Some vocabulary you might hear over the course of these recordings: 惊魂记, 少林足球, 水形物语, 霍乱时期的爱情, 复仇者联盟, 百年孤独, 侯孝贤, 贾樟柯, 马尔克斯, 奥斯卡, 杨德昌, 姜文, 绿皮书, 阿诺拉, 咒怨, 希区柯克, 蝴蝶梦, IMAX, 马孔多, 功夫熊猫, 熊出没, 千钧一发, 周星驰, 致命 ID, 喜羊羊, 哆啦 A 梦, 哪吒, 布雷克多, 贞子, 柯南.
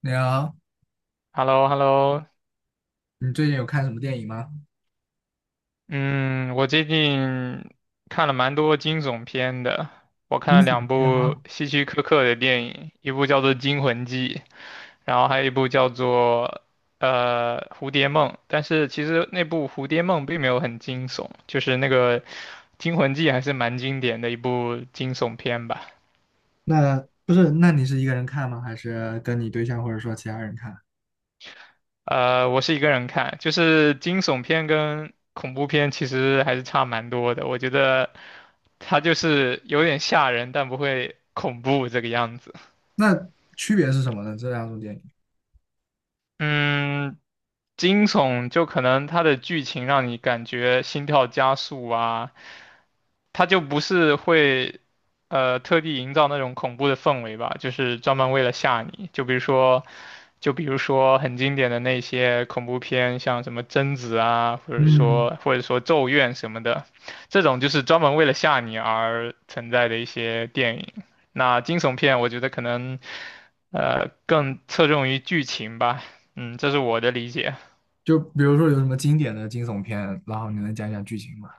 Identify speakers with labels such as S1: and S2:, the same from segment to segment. S1: 你好，
S2: h e l l o h e l l o
S1: 你最近有看什么电影吗？
S2: 嗯，我最近看了蛮多惊悚片的，我看
S1: 惊
S2: 了
S1: 悚
S2: 两
S1: 片
S2: 部
S1: 吗？
S2: 希区柯克的电影，一部叫做《惊魂记》，然后还有一部叫做《蝴蝶梦》，但是其实那部《蝴蝶梦》并没有很惊悚，就是那个《惊魂记》还是蛮经典的一部惊悚片吧。
S1: 那不是，那你是一个人看吗？还是跟你对象或者说其他人看？
S2: 我是一个人看，就是惊悚片跟恐怖片其实还是差蛮多的。我觉得它就是有点吓人，但不会恐怖这个样子。
S1: 那区别是什么呢？这两种电影？
S2: 嗯，惊悚就可能它的剧情让你感觉心跳加速啊，他就不是会特地营造那种恐怖的氛围吧，就是专门为了吓你。就比如说，就比如说很经典的那些恐怖片，像什么贞子啊，或者
S1: 嗯，
S2: 说或者说咒怨什么的，这种就是专门为了吓你而存在的一些电影。那惊悚片，我觉得可能更侧重于剧情吧，嗯，这是我的理解。
S1: 就比如说有什么经典的惊悚片，然后你能讲讲剧情吗？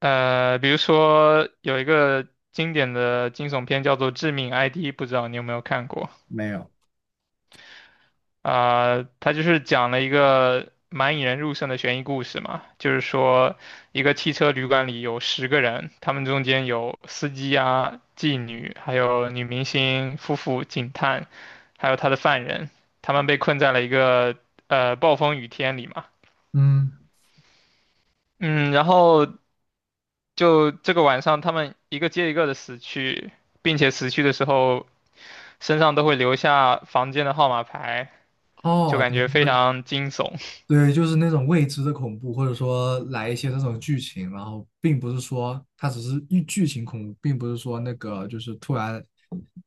S2: 比如说有一个经典的惊悚片叫做《致命 ID》，不知道你有没有看过？
S1: 没有。
S2: 啊、它就是讲了一个蛮引人入胜的悬疑故事嘛，就是说一个汽车旅馆里有10个人，他们中间有司机啊、妓女，还有女明星、夫妇、警探，还有他的犯人，他们被困在了一个暴风雨天里嘛。
S1: 嗯，
S2: 嗯，然后就这个晚上，他们一个接一个的死去，并且死去的时候身上都会留下房间的号码牌，就
S1: 哦，
S2: 感
S1: 对。
S2: 觉非常惊悚。
S1: 对，就是那种未知的恐怖，或者说来一些这种剧情，然后并不是说它只是一剧情恐怖，并不是说那个就是突然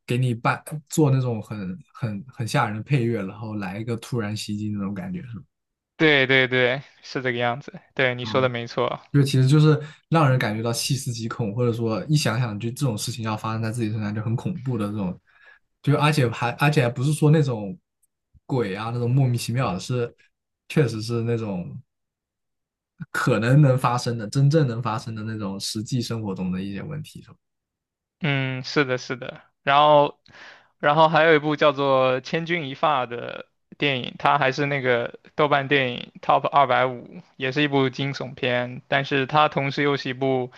S1: 给你做那种很吓人的配乐，然后来一个突然袭击那种感觉，是吧？
S2: 对对对，是这个样子。对，你说的没错。
S1: 就其实就是让人感觉到细思极恐，或者说一想想就这种事情要发生在自己身上就很恐怖的这种，就而且还不是说那种鬼啊那种莫名其妙的，是确实是那种。可能能发生的、真正能发生的那种实际生活中的一些问题，
S2: 嗯，是的，是的。然后，然后还有一部叫做《千钧一发》的电影，它还是那个豆瓣电影 Top 250，也是一部惊悚片，但是它同时又是一部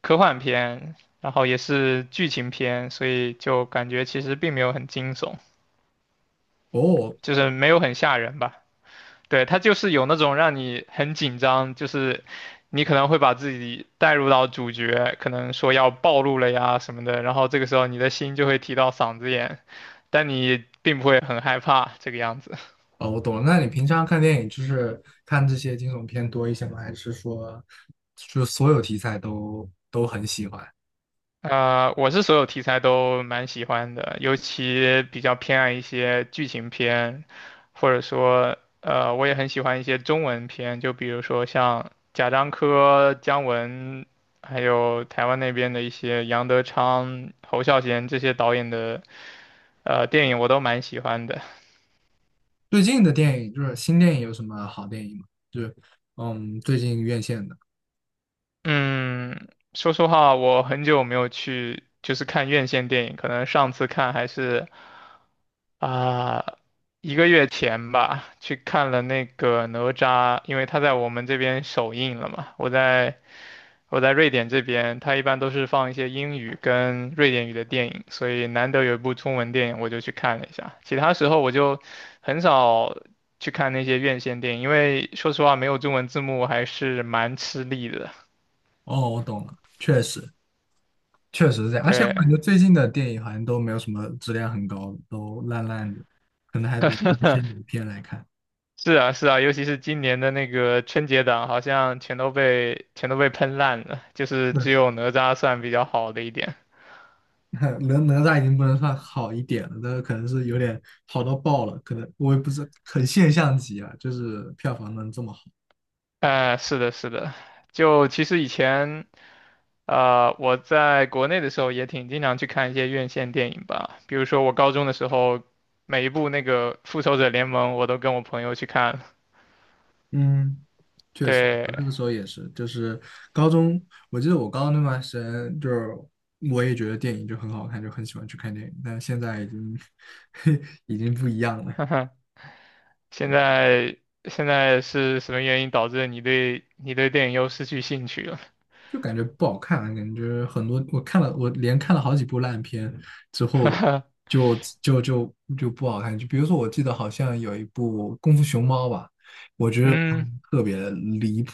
S2: 科幻片，然后也是剧情片，所以就感觉其实并没有很惊悚，
S1: 哦，
S2: 就是没有很吓人吧。对，它就是有那种让你很紧张，就是你可能会把自己带入到主角，可能说要暴露了呀什么的，然后这个时候你的心就会提到嗓子眼，但你并不会很害怕这个样子。
S1: 哦，我懂了。那你平常看电影就是看这些惊悚片多一些吗？还是说，就所有题材都很喜欢？
S2: 我是所有题材都蛮喜欢的，尤其比较偏爱一些剧情片，或者说，我也很喜欢一些中文片，就比如说像贾樟柯、姜文，还有台湾那边的一些杨德昌、侯孝贤这些导演的电影，我都蛮喜欢的。
S1: 最近的电影就是新电影有什么好电影吗？就是最近院线的。
S2: 嗯，说实话，我很久没有去就是看院线电影，可能上次看还是。啊，1个月前吧，去看了那个哪吒，因为他在我们这边首映了嘛。我在瑞典这边，他一般都是放一些英语跟瑞典语的电影，所以难得有一部中文电影，我就去看了一下。其他时候我就很少去看那些院线电影，因为说实话没有中文字幕还是蛮吃力的。
S1: 哦，我懂了，确实是这样。而且我感
S2: 对。
S1: 觉最近的电影好像都没有什么质量很高，都烂烂的，可能还得翻一些老片来看。
S2: 是啊，是啊，尤其是今年的那个春节档，好像全都被喷烂了，就是只有哪吒算比较好的一点。
S1: 哪吒已经不能算好一点了，但是可能是有点好到爆了，可能我也不是很现象级啊，就是票房能这么好。
S2: 哎、是的，是的，就其实以前我在国内的时候也挺经常去看一些院线电影吧，比如说我高中的时候，每一部那个《复仇者联盟》我都跟我朋友去看了。
S1: 嗯确实，
S2: 对，
S1: 我那个时候也是，就是高中，我记得我高中那段时间，就是我也觉得电影就很好看，就很喜欢去看电影，但是现在已经 已经不一样了。
S2: 哼哼现
S1: 对。
S2: 在现在是什么原因导致你对电影又失去兴趣了？
S1: 就感觉不好看，感觉很多我看了，我连看了好几部烂片之后 就，就就就不好看。就比如说，我记得好像有一部《功夫熊猫》吧，我觉得
S2: 嗯。
S1: 特别离谱，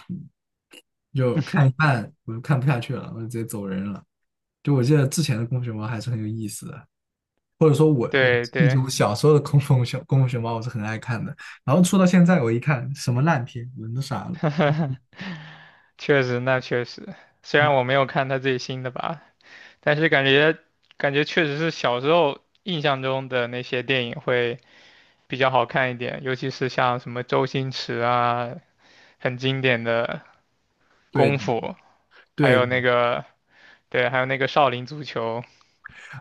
S1: 就看一 半我就看不下去了，我就直接走人了。就我记得之前的《功夫熊猫》还是很有意思的，或者说我
S2: 对
S1: 记
S2: 对，
S1: 住小时候的《功夫熊猫》我是很爱看的，然后出到现在我一看什么烂片，人都傻了。
S2: 确实，那确实，虽然我没有看他最新的吧，但是感觉确实是小时候印象中的那些电影会比较好看一点，尤其是像什么周星驰啊，很经典的
S1: 对
S2: 功夫，还有
S1: 对，
S2: 那个对，还有那个少林足球，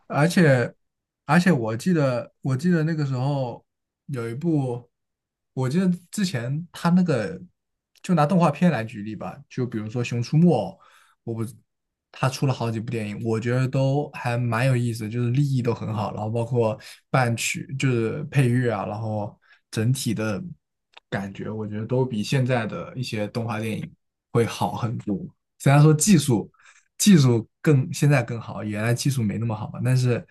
S1: 而且而且我记得那个时候有一部，我记得之前他那个就拿动画片来举例吧，就比如说《熊出没》，我不，他出了好几部电影，我觉得都还蛮有意思，就是立意都很好，然后包括伴曲就是配乐啊，然后整体的感觉，我觉得都比现在的一些动画电影会好很多。虽然说技术更现在更好，原来技术没那么好嘛，但是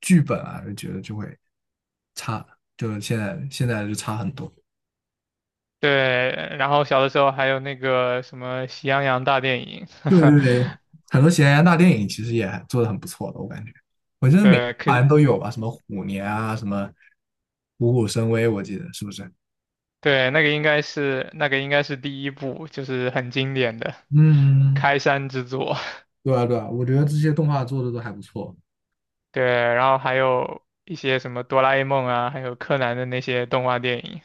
S1: 剧本啊，就觉得就会就现在现在就差很多。
S2: 对，然后小的时候还有那个什么喜羊羊大电影，
S1: 对对对，很多喜羊羊大电影其实也做的很不错的，我感觉，我觉 得每
S2: 对，可
S1: 好像都有吧，什么虎年啊，什么虎虎生威，我记得是不是？
S2: 对，那个应该是第一部，就是很经典的
S1: 嗯，
S2: 开山之作。
S1: 对啊对啊，我觉得这些动画做的都还不错。
S2: 对，然后还有一些什么哆啦 A 梦啊，还有柯南的那些动画电影，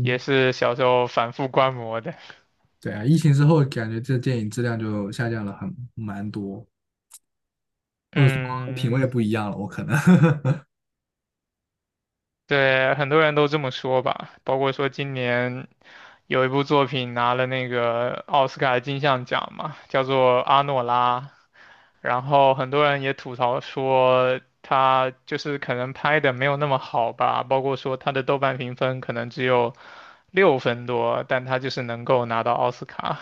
S2: 也是小时候反复观摩的。
S1: 对啊，疫情之后感觉这电影质量就下降了很蛮多，或者说品
S2: 嗯，
S1: 味不一样了，我可能。
S2: 对，很多人都这么说吧，包括说今年有一部作品拿了那个奥斯卡金像奖嘛，叫做《阿诺拉》，然后很多人也吐槽说他就是可能拍的没有那么好吧，包括说他的豆瓣评分可能只有6分多，但他就是能够拿到奥斯卡。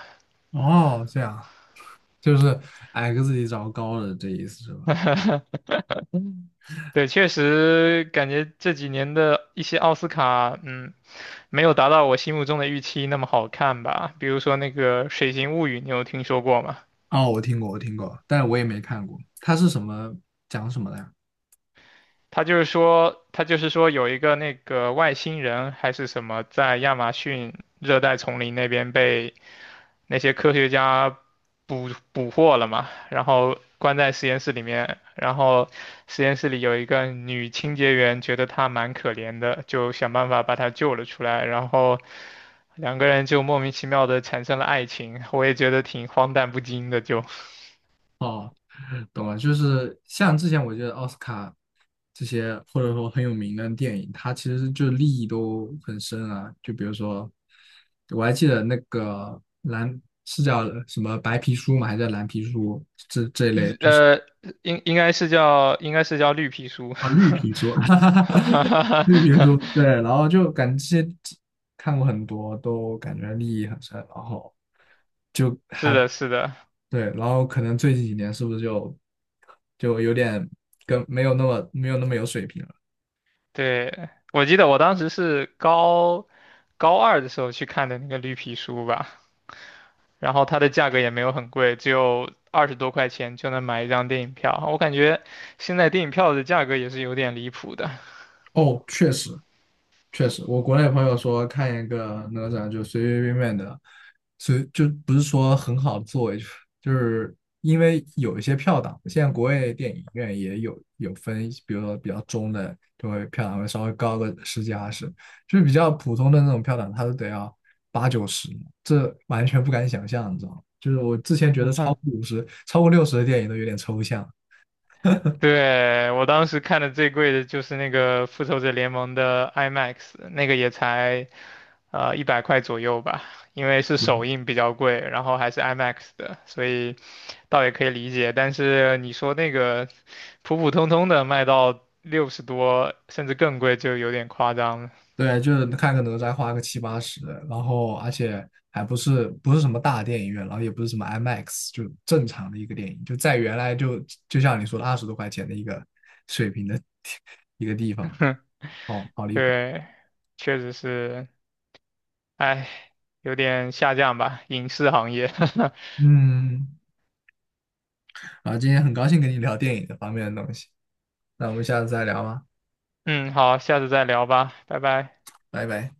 S1: 哦，这样就是矮个子里找高的，这意思是吧？
S2: 对，确实感觉这几年的一些奥斯卡，嗯，没有达到我心目中的预期那么好看吧。比如说那个《水形物语》，你有听说过吗？
S1: 哦，我听过，我听过，但是我也没看过。它是什么讲什么的呀？
S2: 他就是说，他就是说有一个那个外星人还是什么，在亚马逊热带丛林那边被那些科学家捕获了嘛，然后关在实验室里面，然后实验室里有一个女清洁员，觉得她蛮可怜的，就想办法把她救了出来，然后两个人就莫名其妙的产生了爱情，我也觉得挺荒诞不经的，就，
S1: 哦，懂了，就是像之前我觉得奥斯卡这些或者说很有名的电影，它其实就利益都很深啊。就比如说，我还记得那个蓝是叫什么白皮书嘛，还是叫蓝皮书这一类，
S2: 日
S1: 就是
S2: 呃，应该是叫绿皮书，
S1: 啊绿 皮书，比如说，对，然后就感觉这些看过很多，都感觉利益很深，然后就
S2: 是
S1: 还
S2: 的，是的，
S1: 对，然后可能最近几年是不是就有点跟没有那么有水平了？
S2: 对，我记得我当时是高2的时候去看的那个绿皮书吧，然后它的价格也没有很贵，只有20多块钱就能买一张电影票。我感觉现在电影票的价格也是有点离谱的。
S1: 哦，确实，确实，我国内朋友说看一个哪吒就随随便便的，就不是说很好的作为，就是因为有一些票档，现在国外电影院也有分，比如说比较中的就会票档会稍微高个十几二十，就是比较普通的那种票档，它都得要八九十，这完全不敢想象，你知道吗？就是我之前觉得超过 50、超过60的电影都有点抽象。
S2: 对，我当时看的最贵的就是那个《复仇者联盟》的 IMAX，那个也才100块左右吧，因为是首映比较贵，然后还是 IMAX 的，所以倒也可以理解。但是你说那个普普通通的卖到60多，甚至更贵，就有点夸张了。
S1: 对，就是看个哪吒花个七八十，然后而且还不是什么大电影院，然后也不是什么 IMAX，就正常的一个电影，就在原来就像你说的20多块钱的一个水平的 一个地方，哦，好离谱。
S2: 对，确实是，哎，有点下降吧，影视行业。
S1: 嗯，然后今天很高兴跟你聊电影这方面的东西，那我们下次再聊吧，
S2: 嗯，好，下次再聊吧，拜拜。
S1: 拜拜。